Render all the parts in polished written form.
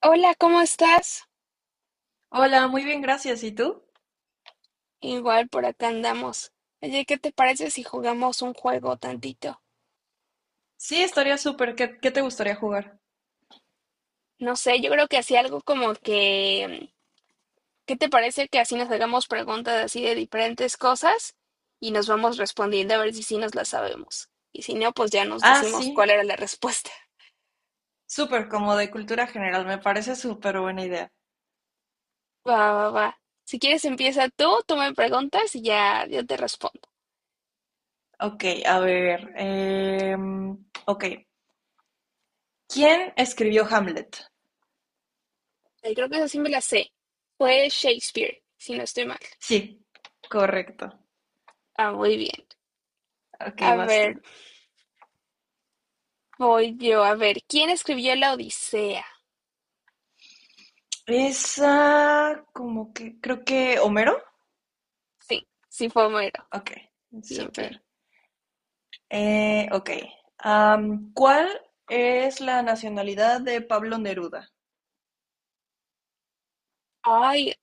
Hola, ¿cómo estás? Hola, muy bien, gracias. ¿Y tú? Igual por acá andamos. Oye, ¿qué te parece si jugamos un juego tantito? Sí, estaría súper. ¿Qué te gustaría jugar? No sé, yo creo que así algo como que, ¿qué te parece que así nos hagamos preguntas así de diferentes cosas y nos vamos respondiendo a ver si sí nos las sabemos? Y si no, pues ya nos Ah, decimos sí, cuál era la respuesta. súper, como de cultura general. Me parece súper buena idea. Va, va, va. Si quieres empieza tú me preguntas y ya yo te respondo. Ok, a ver. Ok, ¿quién escribió Hamlet? Creo que esa sí me la sé. Fue Shakespeare, si no estoy mal. Sí, correcto. Ah, muy bien. Ok, A vas tú. ver. Voy yo a ver, ¿quién escribió la Odisea? Esa, como que, creo que Homero. Sí, sí fue Homero. Ok, Bien, bien. súper. Ok, ¿cuál es la nacionalidad de Pablo Neruda? Ay,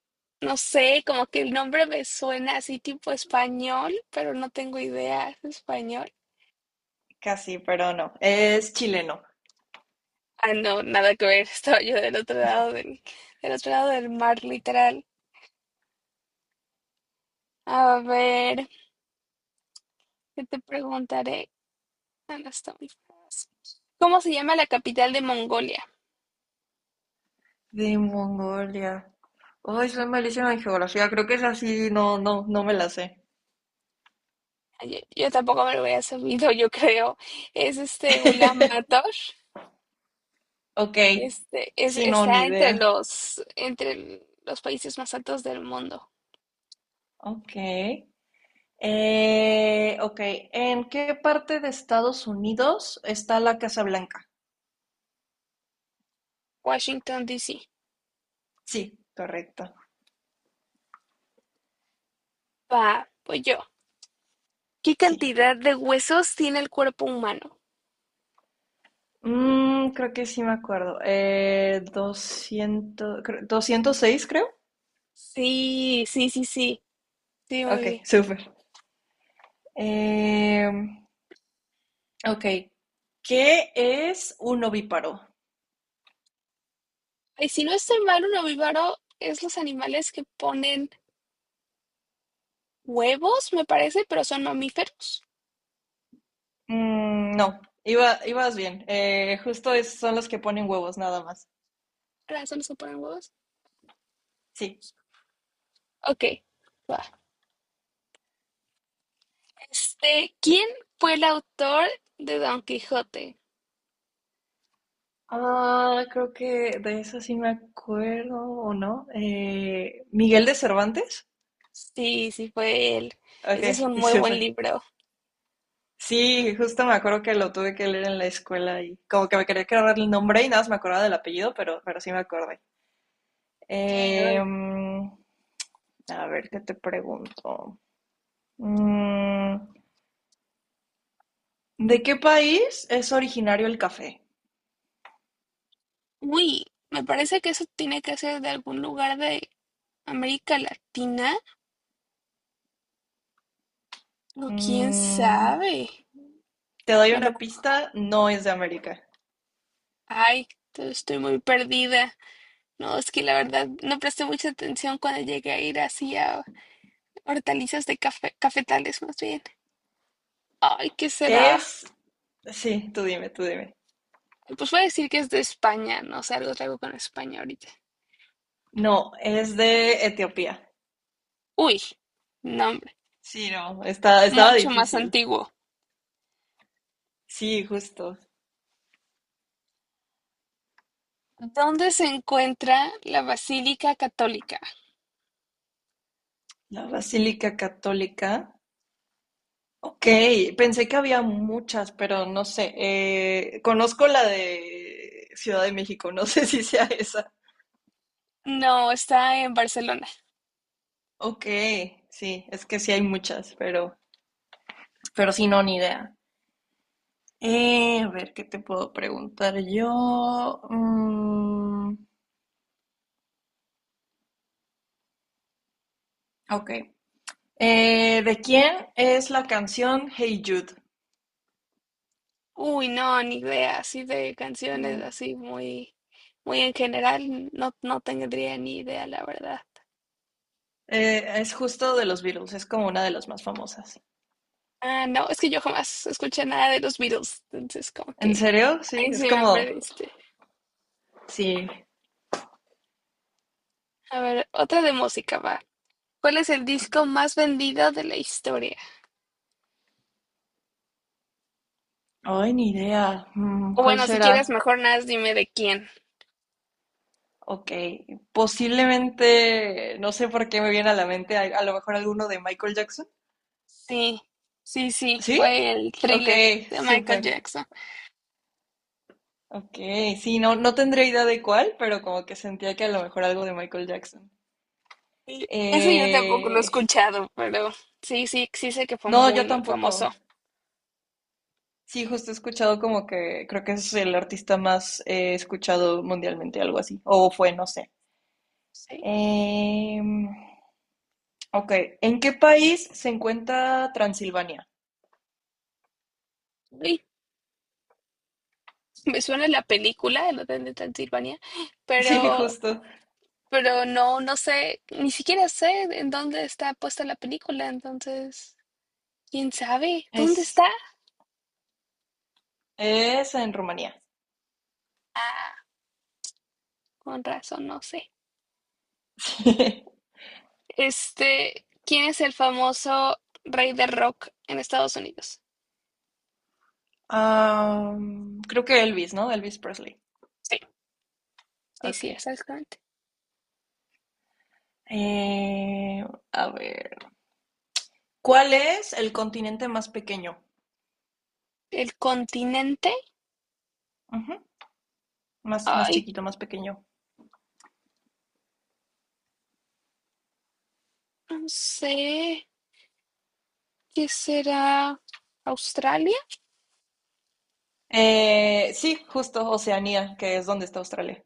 no sé, como que el nombre me suena así tipo español, pero no tengo idea. ¿Es español? Casi, pero no. Es chileno. Ah, no, nada que ver. Estaba yo del otro lado del mar, literal. A ver, ¿qué te preguntaré? Ah, no está muy fácil. ¿Cómo se llama la capital de Mongolia? De Mongolia. Ay, soy malísima en geografía. Creo que es así. No, no, no me la sé. Ay, yo tampoco me lo había sabido, yo creo. Es Ulan Bator. Ok. Este, es, Sí, no, ni está entre idea. los países más altos del mundo. Ok. Ok. ¿En qué parte de Estados Unidos está la Casa Blanca? Washington, D.C. Sí, correcto. Va, pues yo. ¿Qué Sí. cantidad de huesos tiene el cuerpo humano? Creo que sí me acuerdo. 206, creo. Sí, sí, sí, sí. Sí, muy Ok, bien. súper. Eh, ok. ¿Qué es un ovíparo? Y si no estoy mal, un ovíparo es los animales que ponen huevos, me parece, pero son mamíferos. No, iba, ibas bien. Justo son los que ponen huevos, nada más. ¿Verdad? Son los que ponen huevos. Sí. Ok, va. ¿Quién fue el autor de Don Quijote? Ah, creo que de eso sí me acuerdo, ¿o no? ¿Miguel de Cervantes? Sí, sí, fue él. Ok, Ese es un muy buen súper. libro. Sí, justo me acuerdo que lo tuve que leer en la escuela y como que me quería quedar el nombre y nada más me acordaba del apellido, pero sí me acordé. Sí, Em, a ver, ¿qué te pregunto? Mm, ¿De qué país es originario el café? uy, me parece que eso tiene que ser de algún lugar de América Latina, o quién Mm, sabe. Te doy A una lo- pista, no es de América. Ay, estoy muy perdida. No, es que la verdad no presté mucha atención cuando llegué a ir así a hortalizas de café, cafetales más bien. Ay, ¿qué será? Es, sí, tú dime, tú dime. Pues voy a decir que es de España, no sé, algo traigo con España ahorita. No, es de Etiopía. Uy, nombre, Sí, no, está, estaba mucho más difícil. antiguo. Sí, justo. ¿Dónde se encuentra la Basílica Católica? La Basílica Católica. Ok, pensé que había muchas, pero no sé. Conozco la de Ciudad de México, no sé si sea esa. No, está en Barcelona. Ok, sí, es que sí hay muchas, pero sí, no, ni idea. A ver, ¿qué te puedo preguntar yo? Ok. ¿De quién es la canción Hey Jude? Uy, no, ni idea, así de canciones, No. así muy, muy en general, no, no tendría ni idea, la verdad. Es justo de los Beatles, es como una de las más famosas. Ah, no, es que yo jamás escuché nada de los Beatles, entonces como ¿En que serio? Sí, ahí sí es me como. perdiste. Sí, A ver, otra de música va. ¿Cuál es el ok. disco más vendido de la historia? Ay, ni idea. O ¿Cuál bueno, si quieres, será? mejor nada, más dime de quién. Ok, posiblemente, no sé por qué me viene a la mente, a lo mejor alguno de Michael Jackson. Sí, sí, sí, ¿Sí? fue el Ok, Thriller de Michael súper. Jackson. Ok, sí, no, no tendría idea de cuál, pero como que sentía que a lo mejor algo de Michael Jackson. Sí, eso yo tampoco lo he Eh, escuchado, pero sí, sí, sí sé que fue No, muy, yo muy famoso. tampoco. Sí, justo he escuchado como que creo que es el artista más escuchado mundialmente, algo así. O fue, no sé. Sí. Em, ok, ¿en qué país se encuentra Transilvania? Uy, me suena la película, El Hotel de Transilvania, Sí, pero, justo. pero no, no sé, ni siquiera sé en dónde está puesta la película, entonces, ¿quién sabe dónde Es, está? es en Rumanía. Ah, con razón, no sé. ¿Quién es el famoso rey del rock en Estados Unidos? Creo que Elvis, ¿no? Elvis Presley. Sí, sí, Ok. sí, exactamente. Eh, a ver. ¿Cuál es el continente más pequeño? ¿El continente? Ujú, más, más Ay, chiquito, más pequeño. no sé. ¿Qué será? ¿Australia? Sí, justo Oceanía, que es donde está Australia.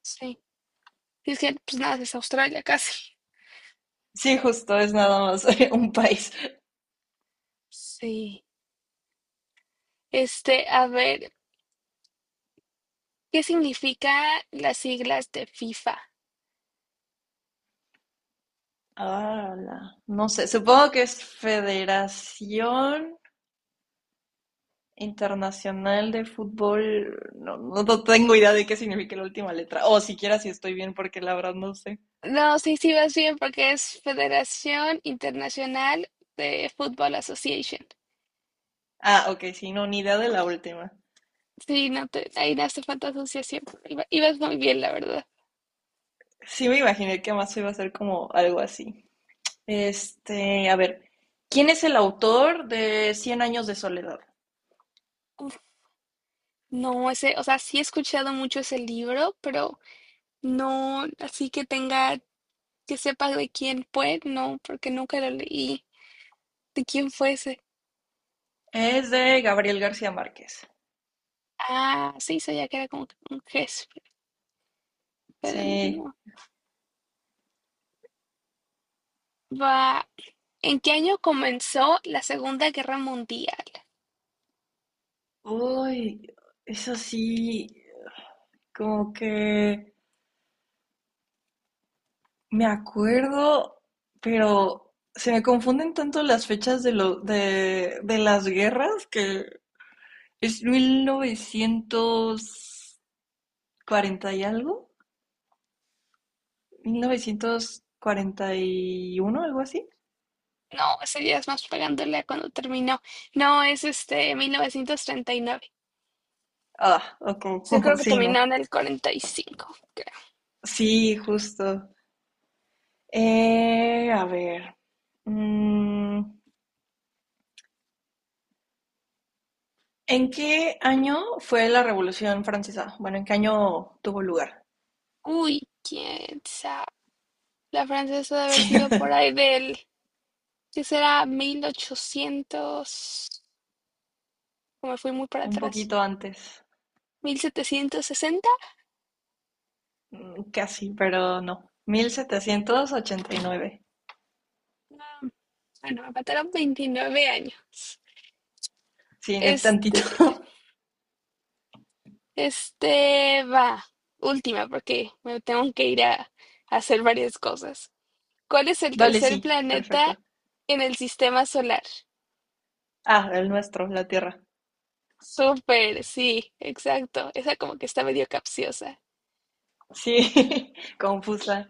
Sí. Es que pues nada, es Australia casi. Sí, justo, es nada más un país. Sí. A ver, ¿qué significa las siglas de FIFA? Ah, no sé, supongo que es Federación Internacional de Fútbol. No, no, no tengo idea de qué significa la última letra. O siquiera si estoy bien, porque la verdad no sé. No, sí, sí vas bien porque es Federación Internacional de Football Association. Ah, ok, sí, no, ni idea de la última. Sí, no te, ahí no hace falta asociación, pero ibas muy bien, la verdad. Sí, me imaginé que más iba a ser como algo así. A ver, ¿quién es el autor de Cien años de soledad? Uf, no, ese, o sea, sí he escuchado mucho ese libro, pero no así que tenga, que sepa de quién fue, no, porque nunca lo leí. ¿De quién fue ese? Es de Gabriel García Márquez. Ah, sí, sabía que era como que un jefe, pero Sí, no. Va. ¿En qué año comenzó la Segunda Guerra Mundial? uy, eso sí, como que me acuerdo, pero se me confunden tanto las fechas de las guerras que es mil novecientos cuarenta y algo, 1941, algo así. No, ese día es más pegándole a cuando terminó. No, es 1939. Ah, Sí, yo ok, creo que sí, no. terminó en el 45 creo. Sí, justo. A ver. mm, ¿En qué año fue la Revolución Francesa? Bueno, ¿en qué año tuvo lugar? Uy, quién sabe. La francesa debe haber Sí, sido por ahí del, ¿qué será? 1800. Como fui muy para un atrás. poquito antes. 1760. Casi, pero no. 1789. No. Ah, bueno, me faltaron 29 años. Sí, el Este, tantito. Va. Última, porque me tengo que ir a hacer varias cosas. ¿Cuál es el Vale, tercer sí, planeta perfecto. en el sistema solar? Ah, el nuestro, la Tierra. Súper, sí, exacto. Esa como que está medio capciosa. Sí, confusa.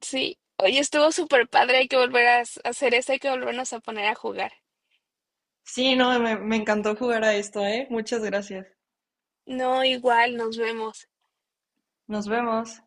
Sí. Oye, estuvo súper padre. Hay que volver a hacer esa. Hay que volvernos a poner a jugar. Sí, no, me encantó jugar a esto, ¿eh? Muchas gracias. No, igual, nos vemos. Nos vemos.